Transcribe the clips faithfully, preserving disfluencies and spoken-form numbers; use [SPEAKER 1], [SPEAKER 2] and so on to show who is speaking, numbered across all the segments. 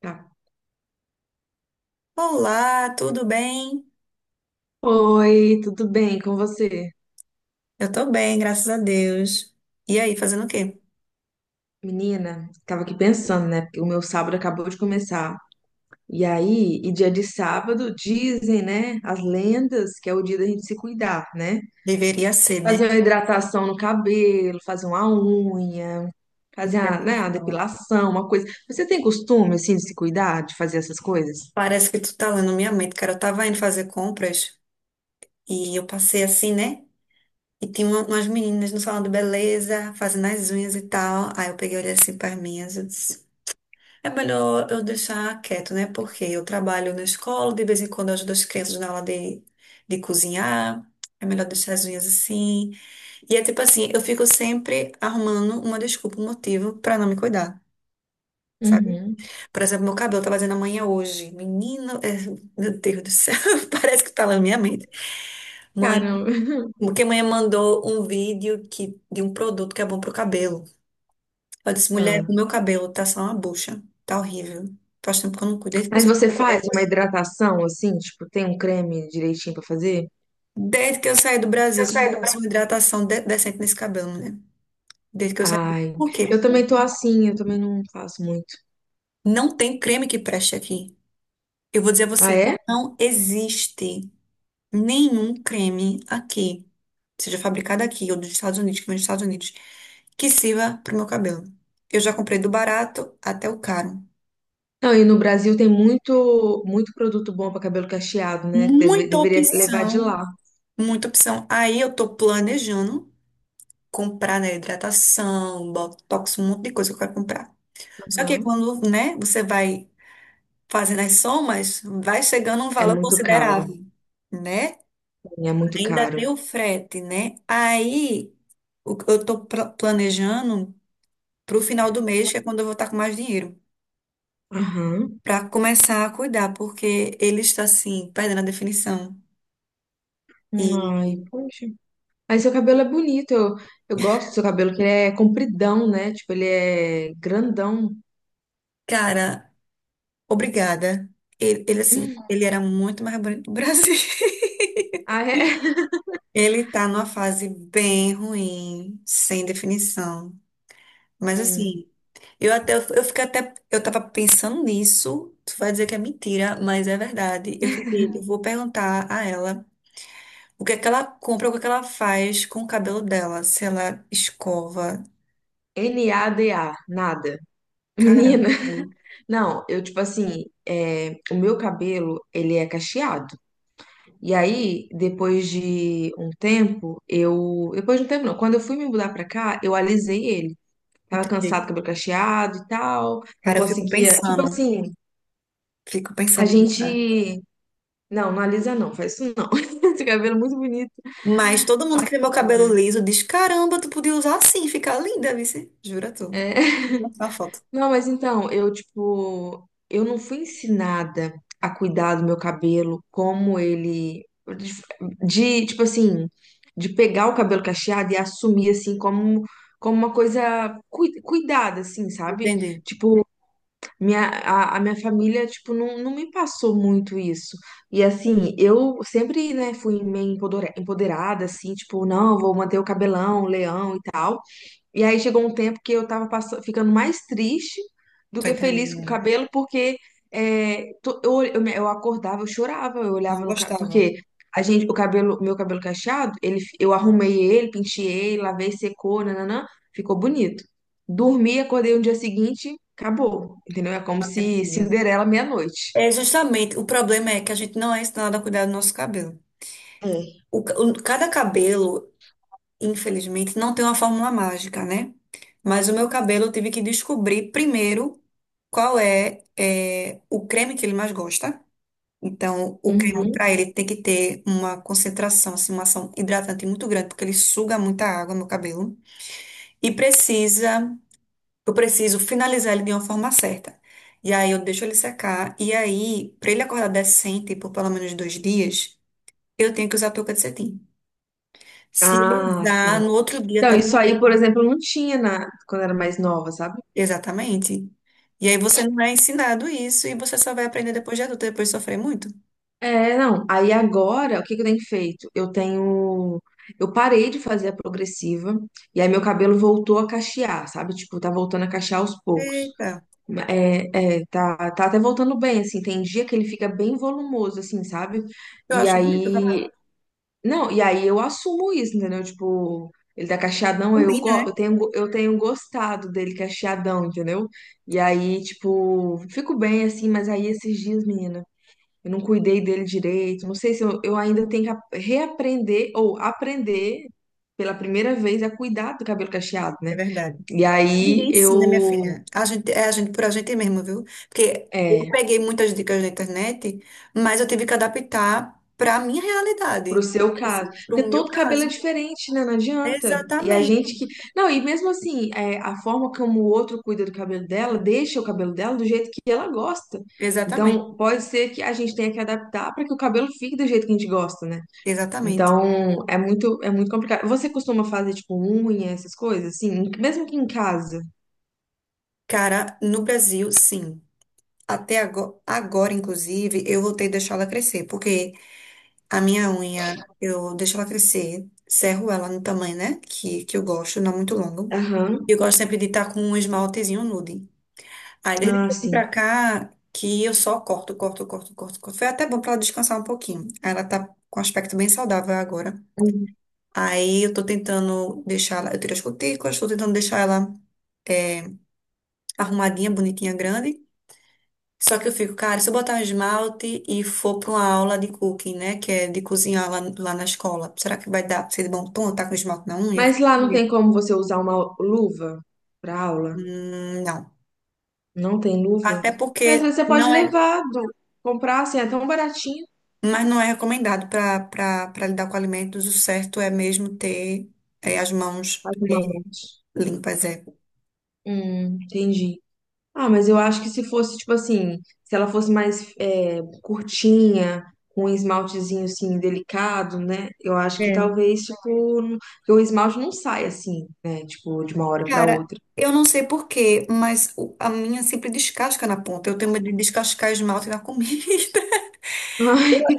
[SPEAKER 1] Tá.
[SPEAKER 2] Olá, tudo bem?
[SPEAKER 1] Oi, tudo bem com você?
[SPEAKER 2] Eu tô bem, graças a Deus. E aí, fazendo o quê?
[SPEAKER 1] Menina, tava aqui pensando, né? Porque o meu sábado acabou de começar. E aí, e dia de sábado, dizem, né? As lendas que é o dia da gente se cuidar, né?
[SPEAKER 2] Deveria ser, né?
[SPEAKER 1] Fazer uma hidratação no cabelo, fazer uma unha,
[SPEAKER 2] Não
[SPEAKER 1] fazer
[SPEAKER 2] quero
[SPEAKER 1] a,
[SPEAKER 2] nem
[SPEAKER 1] né, uma
[SPEAKER 2] falar.
[SPEAKER 1] depilação, uma coisa. Você tem costume, assim, de se cuidar, de fazer essas coisas?
[SPEAKER 2] Parece que tu tá lendo minha mente, cara. Eu tava indo fazer compras e eu passei assim, né? E tinha uma- umas meninas no salão de beleza, fazendo as unhas e tal. Aí eu peguei e olhei assim para minhas. Eu disse, é melhor eu deixar quieto, né? Porque eu trabalho na escola, de vez em quando eu ajudo as crianças na aula de, de cozinhar. É melhor deixar as unhas assim. E é tipo assim, eu fico sempre arrumando uma desculpa, um motivo pra não me cuidar, sabe?
[SPEAKER 1] Uhum.
[SPEAKER 2] Por exemplo, meu cabelo tava fazendo amanhã hoje. Menino, é, meu Deus do céu, parece que tá lá na minha mente. Mãe,
[SPEAKER 1] Caramba.
[SPEAKER 2] porque mãe mandou um vídeo que, de um produto que é bom pro cabelo. Eu disse, mulher,
[SPEAKER 1] Ah.
[SPEAKER 2] o meu cabelo tá só uma bucha, tá horrível. Faz tempo que eu não cuido. Desde que eu,
[SPEAKER 1] Mas
[SPEAKER 2] sa-
[SPEAKER 1] você faz uma hidratação, assim, tipo, tem um creme direitinho pra fazer?
[SPEAKER 2] desde que eu saí do Brasil, que eu não faço uma hidratação de- decente nesse cabelo, mulher. Desde que eu saí.
[SPEAKER 1] Ai,
[SPEAKER 2] Por
[SPEAKER 1] eu
[SPEAKER 2] quê?
[SPEAKER 1] também tô assim, eu também não faço muito.
[SPEAKER 2] Não tem creme que preste aqui. Eu vou dizer a
[SPEAKER 1] Ah,
[SPEAKER 2] você,
[SPEAKER 1] é?
[SPEAKER 2] não existe nenhum creme aqui, seja fabricado aqui ou dos Estados Unidos, que vem dos Estados Unidos, que sirva para o meu cabelo. Eu já comprei do barato até o caro.
[SPEAKER 1] Não, e no Brasil tem muito, muito produto bom para cabelo cacheado, né? Deve-
[SPEAKER 2] Muita
[SPEAKER 1] deveria levar de
[SPEAKER 2] opção,
[SPEAKER 1] lá.
[SPEAKER 2] muita opção. Aí eu tô planejando comprar, né, hidratação, botox, um monte de coisa que eu quero comprar. Só que
[SPEAKER 1] Aham.
[SPEAKER 2] quando, né, você vai fazendo as somas, vai chegando um
[SPEAKER 1] É
[SPEAKER 2] valor
[SPEAKER 1] muito caro.
[SPEAKER 2] considerável, né?
[SPEAKER 1] É muito
[SPEAKER 2] Ainda tem
[SPEAKER 1] caro.
[SPEAKER 2] o frete, né? Aí o- eu tô pla- planejando pro final do mês, que é quando eu vou estar com mais dinheiro,
[SPEAKER 1] Aham.
[SPEAKER 2] pra começar a cuidar, porque ele está assim, perdendo a definição. E,
[SPEAKER 1] Ai, poxa. Aí seu cabelo é bonito. Eu, eu gosto do seu cabelo, que ele é compridão, né? Tipo, ele é grandão.
[SPEAKER 2] cara, obrigada. Ele, ele assim,
[SPEAKER 1] Hum.
[SPEAKER 2] ele era muito mais bonito do Brasil.
[SPEAKER 1] Ah, é?
[SPEAKER 2] Ele tá numa fase bem ruim, sem definição. Mas
[SPEAKER 1] Hum.
[SPEAKER 2] assim, eu até eu fiquei até eu tava pensando nisso. Tu vai dizer que é mentira, mas é verdade. Eu fiquei, eu vou perguntar a ela o que é que ela compra, o que é que ela faz com o cabelo dela? Se ela escova.
[SPEAKER 1] N A D A, nada. Menina,
[SPEAKER 2] Caramba, velho.
[SPEAKER 1] não, eu tipo assim, é, o meu cabelo, ele é cacheado. E aí, depois de um tempo, eu. Depois de um tempo, não. Quando eu fui me mudar pra cá, eu alisei ele. Tava
[SPEAKER 2] Entendi.
[SPEAKER 1] cansado, cabelo cacheado e tal. Não
[SPEAKER 2] Cara, eu fico
[SPEAKER 1] conseguia. Tipo
[SPEAKER 2] pensando.
[SPEAKER 1] assim,
[SPEAKER 2] Fico
[SPEAKER 1] a
[SPEAKER 2] pensando em usar.
[SPEAKER 1] gente. Não, não alisa não, faz isso não. Esse cabelo é muito bonito.
[SPEAKER 2] Mas todo mundo que tem meu
[SPEAKER 1] Pois
[SPEAKER 2] cabelo
[SPEAKER 1] é.
[SPEAKER 2] liso diz: caramba, tu podia usar assim, ficar linda, vice. Jura tu.
[SPEAKER 1] É.
[SPEAKER 2] Vou te mostrar uma foto.
[SPEAKER 1] Não, mas então, eu, tipo, eu não fui ensinada a cuidar do meu cabelo como ele. De, de, tipo assim, de pegar o cabelo cacheado e assumir, assim, como, como uma coisa cui- cuidada, assim, sabe?
[SPEAKER 2] Entendi.
[SPEAKER 1] Tipo, minha, a, a minha família, tipo, não, não me passou muito isso. E, assim, eu sempre, né, fui meio empodera- empoderada, assim, tipo, não, vou manter o cabelão, leão e tal. E aí chegou um tempo que eu tava passa- ficando mais triste do
[SPEAKER 2] Tô
[SPEAKER 1] que feliz com o
[SPEAKER 2] entendendo.
[SPEAKER 1] cabelo, porque é, to- eu, eu, me- eu acordava, eu chorava, eu
[SPEAKER 2] Não
[SPEAKER 1] olhava no cabelo,
[SPEAKER 2] gostava
[SPEAKER 1] porque a gente, o cabelo, o meu cabelo cacheado, ele, fi- eu arrumei ele, penteei, lavei, secou, nananã, ficou bonito. Dormi, acordei no dia seguinte, acabou, entendeu? É como
[SPEAKER 2] da minha
[SPEAKER 1] se
[SPEAKER 2] filha.
[SPEAKER 1] Cinderela meia-noite.
[SPEAKER 2] É justamente, o problema é que a gente não é ensinado a cuidar do nosso cabelo.
[SPEAKER 1] É.
[SPEAKER 2] O, ca- o- cada cabelo. Infelizmente, não tem uma fórmula mágica, né? Mas o meu cabelo eu tive que descobrir primeiro qual é, é, o creme que ele mais gosta. Então, o creme
[SPEAKER 1] Uhum.
[SPEAKER 2] para ele tem que ter uma concentração, assim, uma ação hidratante muito grande, porque ele suga muita água no cabelo. E precisa, eu preciso finalizar ele de uma forma certa. E aí eu deixo ele secar. E aí, para ele acordar decente por pelo menos dois dias, eu tenho que usar touca de cetim. Se ele
[SPEAKER 1] Ah, sim.
[SPEAKER 2] usar, no outro dia
[SPEAKER 1] Então,
[SPEAKER 2] tá.
[SPEAKER 1] isso aí, por exemplo, não tinha na, quando eu era mais nova, sabe?
[SPEAKER 2] Exatamente. E aí você não é ensinado isso e você só vai aprender depois de adulto, depois de sofrer muito.
[SPEAKER 1] É, não. Aí agora, o que que eu tenho feito? Eu tenho. Eu parei de fazer a progressiva, e aí meu cabelo voltou a cachear, sabe? Tipo, tá voltando a cachear aos poucos.
[SPEAKER 2] Eita,
[SPEAKER 1] É, é, tá, tá até voltando bem, assim. Tem dia que ele fica bem volumoso, assim, sabe?
[SPEAKER 2] eu
[SPEAKER 1] E
[SPEAKER 2] acho bonito o cabelo.
[SPEAKER 1] aí. Não, e aí eu assumo isso, entendeu? Tipo, ele tá cacheadão, aí eu,
[SPEAKER 2] Combina,
[SPEAKER 1] go-
[SPEAKER 2] né?
[SPEAKER 1] eu tenho, go- eu tenho gostado dele cacheadão, entendeu? E aí, tipo, fico bem, assim, mas aí esses dias, menina. Eu não cuidei dele direito. Não sei se eu, eu ainda tenho que ap- reaprender ou aprender pela primeira vez a cuidar do cabelo cacheado, né?
[SPEAKER 2] É verdade.
[SPEAKER 1] E aí
[SPEAKER 2] Ninguém ensina, minha
[SPEAKER 1] eu.
[SPEAKER 2] filha. A gente, é a gente por a gente mesmo, viu? Porque eu
[SPEAKER 1] É,
[SPEAKER 2] peguei muitas dicas na internet, mas eu tive que adaptar para a minha
[SPEAKER 1] pro
[SPEAKER 2] realidade,
[SPEAKER 1] seu caso.
[SPEAKER 2] para o
[SPEAKER 1] Porque
[SPEAKER 2] meu
[SPEAKER 1] todo cabelo é
[SPEAKER 2] caso.
[SPEAKER 1] diferente, né? Não adianta. E a gente
[SPEAKER 2] Exatamente,
[SPEAKER 1] que. Não, e mesmo assim, é, a forma como o outro cuida do cabelo dela, deixa o cabelo dela do jeito que ela gosta. Então,
[SPEAKER 2] exatamente,
[SPEAKER 1] pode ser que a gente tenha que adaptar para que o cabelo fique do jeito que a gente gosta, né?
[SPEAKER 2] exatamente.
[SPEAKER 1] Então, é muito, é muito complicado. Você costuma fazer, tipo, unha, essas coisas, assim? Mesmo que em casa?
[SPEAKER 2] Cara, no Brasil, sim. Até agora, agora, inclusive, eu vou ter que deixá-la crescer, porque a minha unha, eu deixo ela crescer, serro ela no tamanho, né? Que, que eu gosto, não muito longo.
[SPEAKER 1] Aham.
[SPEAKER 2] Eu gosto sempre de estar com um esmaltezinho nude. Aí, desde
[SPEAKER 1] Ah,
[SPEAKER 2] que eu vim
[SPEAKER 1] sim.
[SPEAKER 2] pra cá, que eu só corto, corto, corto, corto, corto. Foi até bom pra ela descansar um pouquinho. Aí ela tá com um aspecto bem saudável agora.
[SPEAKER 1] Uhum.
[SPEAKER 2] Aí, eu tô tentando deixar ela. Eu tirei as cutículas, tô tentando deixar ela arrumadinha, bonitinha, grande. Só que eu fico, cara, se eu botar um esmalte e for pra uma aula de cooking, né? Que é de cozinhar lá, lá na escola, será que vai dar pra ser de bom tom? Tá com esmalte na unha? Eu
[SPEAKER 1] Mas
[SPEAKER 2] fico,
[SPEAKER 1] lá não tem como você usar uma luva pra aula?
[SPEAKER 2] hum, não.
[SPEAKER 1] Não tem luva?
[SPEAKER 2] Até
[SPEAKER 1] Mas às
[SPEAKER 2] porque
[SPEAKER 1] vezes você pode
[SPEAKER 2] não é,
[SPEAKER 1] levar, do- comprar, assim, é tão baratinho.
[SPEAKER 2] mas não é recomendado para para para lidar com alimentos. O certo é mesmo ter, é, as mãos
[SPEAKER 1] As mãos.
[SPEAKER 2] limpas, é.
[SPEAKER 1] Hum, entendi. Ah, mas eu acho que se fosse, tipo assim, se ela fosse mais é, curtinha, com um esmaltezinho, assim, delicado, né? Eu acho que
[SPEAKER 2] É.
[SPEAKER 1] talvez, tipo, não- que o esmalte não sai assim, né? Tipo, de uma hora pra
[SPEAKER 2] Cara,
[SPEAKER 1] outra.
[SPEAKER 2] eu não sei por quê, mas o- a minha sempre descasca na ponta. Eu tenho medo de descascar esmalte na comida.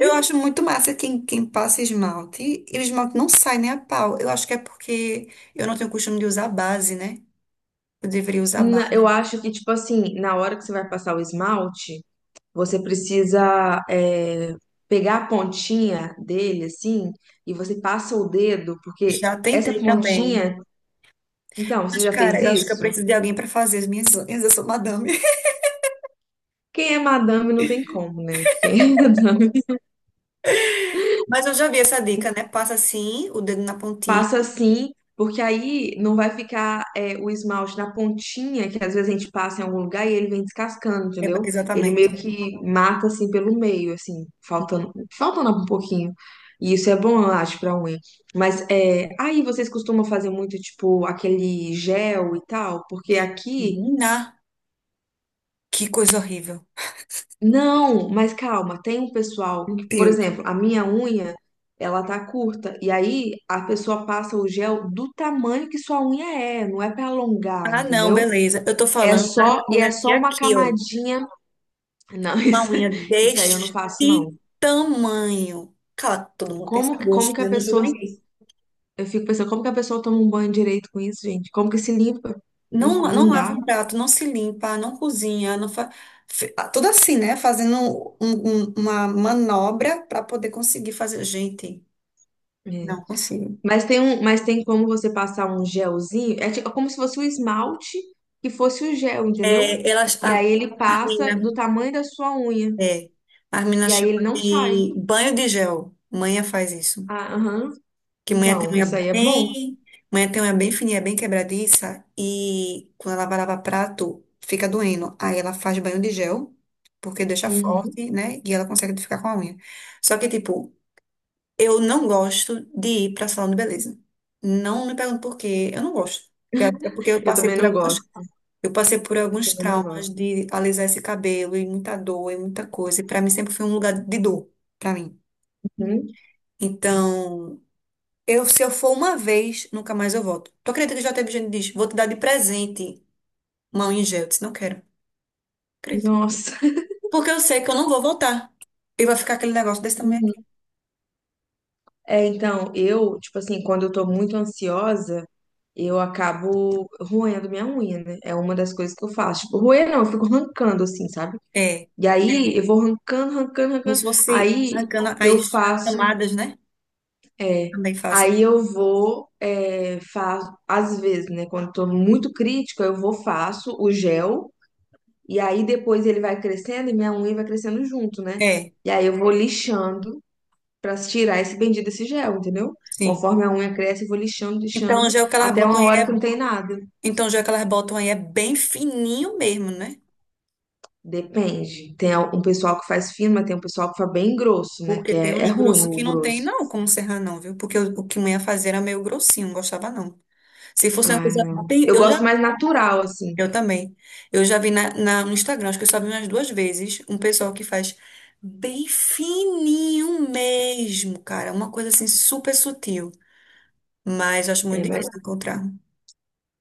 [SPEAKER 2] Eu acho muito massa quem, quem passa esmalte. E o esmalte não sai nem a pau. Eu acho que é porque eu não tenho costume de usar base, né? Eu deveria usar
[SPEAKER 1] na- Eu
[SPEAKER 2] base.
[SPEAKER 1] acho que, tipo assim, na hora que você vai passar o esmalte, você precisa é, pegar a pontinha dele, assim, e você passa o dedo, porque
[SPEAKER 2] Já
[SPEAKER 1] essa
[SPEAKER 2] tentei também.
[SPEAKER 1] pontinha. Então, você
[SPEAKER 2] Mas,
[SPEAKER 1] já
[SPEAKER 2] cara,
[SPEAKER 1] fez
[SPEAKER 2] eu acho que eu
[SPEAKER 1] isso?
[SPEAKER 2] preciso de alguém para fazer as minhas unhas. Eu sou madame.
[SPEAKER 1] Quem é madame não tem como, né? Quem é madame.
[SPEAKER 2] Mas eu já vi essa dica, né? Passa assim, o dedo na pontinha.
[SPEAKER 1] Passa assim, porque aí não vai ficar é, o esmalte na pontinha, que às vezes a gente passa em algum lugar e ele vem descascando,
[SPEAKER 2] É, ba-
[SPEAKER 1] entendeu? Ele
[SPEAKER 2] exatamente,
[SPEAKER 1] meio
[SPEAKER 2] né?
[SPEAKER 1] que mata assim pelo meio, assim, faltando, faltando um pouquinho. E isso é bom, eu acho, pra unha. Mas é, aí vocês costumam fazer muito, tipo, aquele gel e tal, porque aqui
[SPEAKER 2] Menina, que coisa horrível.
[SPEAKER 1] Não, mas calma, tem um pessoal
[SPEAKER 2] Meu
[SPEAKER 1] que, por
[SPEAKER 2] Deus.
[SPEAKER 1] exemplo, a minha unha, ela tá curta, e aí a pessoa passa o gel do tamanho que sua unha é, não é pra alongar,
[SPEAKER 2] Ah, não,
[SPEAKER 1] entendeu?
[SPEAKER 2] beleza. Eu tô
[SPEAKER 1] É
[SPEAKER 2] falando da
[SPEAKER 1] só, e é
[SPEAKER 2] meninas de
[SPEAKER 1] só uma
[SPEAKER 2] aqui, ó.
[SPEAKER 1] camadinha. Não,
[SPEAKER 2] Uma
[SPEAKER 1] isso,
[SPEAKER 2] unha
[SPEAKER 1] isso aí eu
[SPEAKER 2] deste
[SPEAKER 1] não faço, não.
[SPEAKER 2] tamanho. Cara, todo mundo tem esse
[SPEAKER 1] Como, que- como
[SPEAKER 2] gosto,
[SPEAKER 1] que
[SPEAKER 2] né?
[SPEAKER 1] a
[SPEAKER 2] Eu não julgo
[SPEAKER 1] pessoa,
[SPEAKER 2] ninguém.
[SPEAKER 1] eu fico pensando, como que a pessoa toma um banho direito com isso, gente? Como que se limpa? Não,
[SPEAKER 2] Não, não
[SPEAKER 1] não
[SPEAKER 2] lava
[SPEAKER 1] dá.
[SPEAKER 2] um prato, não se limpa, não cozinha, não fa... fe- ah, tudo assim, né? Fazendo um- um- uma manobra para poder conseguir fazer. Gente,
[SPEAKER 1] É.
[SPEAKER 2] não consigo.
[SPEAKER 1] Mas tem um, mas tem como você passar um gelzinho, é tipo- é como se fosse o esmalte que fosse o gel, entendeu?
[SPEAKER 2] É, elas,
[SPEAKER 1] E
[SPEAKER 2] a,
[SPEAKER 1] aí ele
[SPEAKER 2] a
[SPEAKER 1] passa
[SPEAKER 2] mina,
[SPEAKER 1] do tamanho da sua unha,
[SPEAKER 2] é, a mina
[SPEAKER 1] e aí
[SPEAKER 2] chama
[SPEAKER 1] ele não sai.
[SPEAKER 2] de banho de gel. Manha faz isso.
[SPEAKER 1] Ah, aham.
[SPEAKER 2] Que mulher tem
[SPEAKER 1] Então,
[SPEAKER 2] unha
[SPEAKER 1] isso aí é bom.
[SPEAKER 2] bem, mulher tem unha bem fininha, bem quebradiça e quando ela vai lavar prato, fica doendo. Aí ela faz banho de gel, porque deixa
[SPEAKER 1] Uhum.
[SPEAKER 2] forte, né? E ela consegue ficar com a unha. Só que, tipo, eu não gosto de ir pra salão de beleza. Não me pergunto por quê, eu não gosto. É é porque eu
[SPEAKER 1] Eu
[SPEAKER 2] passei
[SPEAKER 1] também
[SPEAKER 2] por
[SPEAKER 1] não
[SPEAKER 2] algumas,
[SPEAKER 1] gosto.
[SPEAKER 2] eu passei por
[SPEAKER 1] Eu
[SPEAKER 2] alguns
[SPEAKER 1] também não
[SPEAKER 2] traumas
[SPEAKER 1] gosto.
[SPEAKER 2] de alisar esse cabelo e muita dor e muita coisa. E pra mim sempre foi um lugar de dor, pra mim.
[SPEAKER 1] Uhum.
[SPEAKER 2] Então, eu, se eu for uma vez, nunca mais eu volto. Tu acredita que já teve gente que diz, vou te dar de presente uma unha em gel? Eu disse, não quero. Acredita?
[SPEAKER 1] Nossa.
[SPEAKER 2] Porque eu sei que eu não vou voltar. E vai ficar aquele negócio desse também aqui.
[SPEAKER 1] Uhum. É, então, eu, tipo assim, quando eu tô muito ansiosa, eu acabo roendo minha unha, né? É uma das coisas que eu faço. Tipo, roer não, eu fico arrancando, assim, sabe?
[SPEAKER 2] É,
[SPEAKER 1] E aí eu vou arrancando, arrancando,
[SPEAKER 2] como
[SPEAKER 1] arrancando.
[SPEAKER 2] se fosse
[SPEAKER 1] Aí
[SPEAKER 2] arrancando
[SPEAKER 1] eu
[SPEAKER 2] as
[SPEAKER 1] faço,
[SPEAKER 2] camadas, né?
[SPEAKER 1] é,
[SPEAKER 2] Também fácil.
[SPEAKER 1] aí eu vou, é, faço, às vezes, né? Quando tô muito crítica, eu vou, faço o gel, e aí depois ele vai crescendo e minha unha vai crescendo junto, né?
[SPEAKER 2] É,
[SPEAKER 1] E aí eu vou lixando pra tirar esse bendito desse gel, entendeu?
[SPEAKER 2] sim.
[SPEAKER 1] Conforme a unha cresce, eu vou lixando,
[SPEAKER 2] Então, o
[SPEAKER 1] lixando,
[SPEAKER 2] gel que elas
[SPEAKER 1] até
[SPEAKER 2] botam
[SPEAKER 1] uma
[SPEAKER 2] aí,
[SPEAKER 1] hora
[SPEAKER 2] é-
[SPEAKER 1] que não tem nada.
[SPEAKER 2] então, o gel que elas botam aí é bem fininho mesmo, né?
[SPEAKER 1] Depende. Tem um pessoal que faz fino, mas tem um pessoal que faz bem grosso, né?
[SPEAKER 2] Porque
[SPEAKER 1] Que
[SPEAKER 2] tem
[SPEAKER 1] é, é
[SPEAKER 2] uns
[SPEAKER 1] ruim
[SPEAKER 2] grossos
[SPEAKER 1] o
[SPEAKER 2] que não
[SPEAKER 1] grosso.
[SPEAKER 2] tem, não, como serrar, não, viu? Porque o, o que minha fazia era meio grossinho, não gostava, não. Se fosse uma
[SPEAKER 1] Ah,
[SPEAKER 2] coisa
[SPEAKER 1] não.
[SPEAKER 2] bem.
[SPEAKER 1] Eu
[SPEAKER 2] Eu já.
[SPEAKER 1] gosto mais natural, assim.
[SPEAKER 2] Eu também. Eu já vi na, na- no Instagram, acho que eu só vi umas duas vezes, um pessoal que faz bem fininho mesmo, cara. Uma coisa assim super sutil. Mas eu acho
[SPEAKER 1] É,
[SPEAKER 2] muito
[SPEAKER 1] mas...
[SPEAKER 2] difícil de encontrar.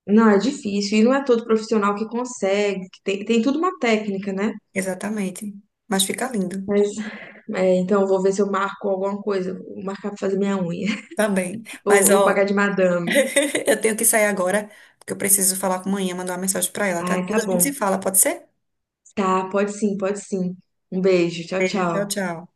[SPEAKER 1] Não, é difícil. E não é todo profissional que consegue. Que tem, tem tudo uma técnica, né?
[SPEAKER 2] Exatamente. Mas fica lindo.
[SPEAKER 1] Mas, é, então, eu vou ver se eu marco alguma coisa. Vou marcar pra fazer minha unha.
[SPEAKER 2] Também.
[SPEAKER 1] Vou,
[SPEAKER 2] Mas,
[SPEAKER 1] vou pagar
[SPEAKER 2] ó,
[SPEAKER 1] de madame.
[SPEAKER 2] eu tenho que sair agora, porque eu preciso falar com a manhã, mandar uma mensagem pra ela, tá?
[SPEAKER 1] Ah, tá
[SPEAKER 2] Depois a gente
[SPEAKER 1] bom.
[SPEAKER 2] se fala, pode ser?
[SPEAKER 1] Tá, pode sim, pode sim. Um beijo. Tchau,
[SPEAKER 2] Beijo, tchau,
[SPEAKER 1] tchau.
[SPEAKER 2] tchau.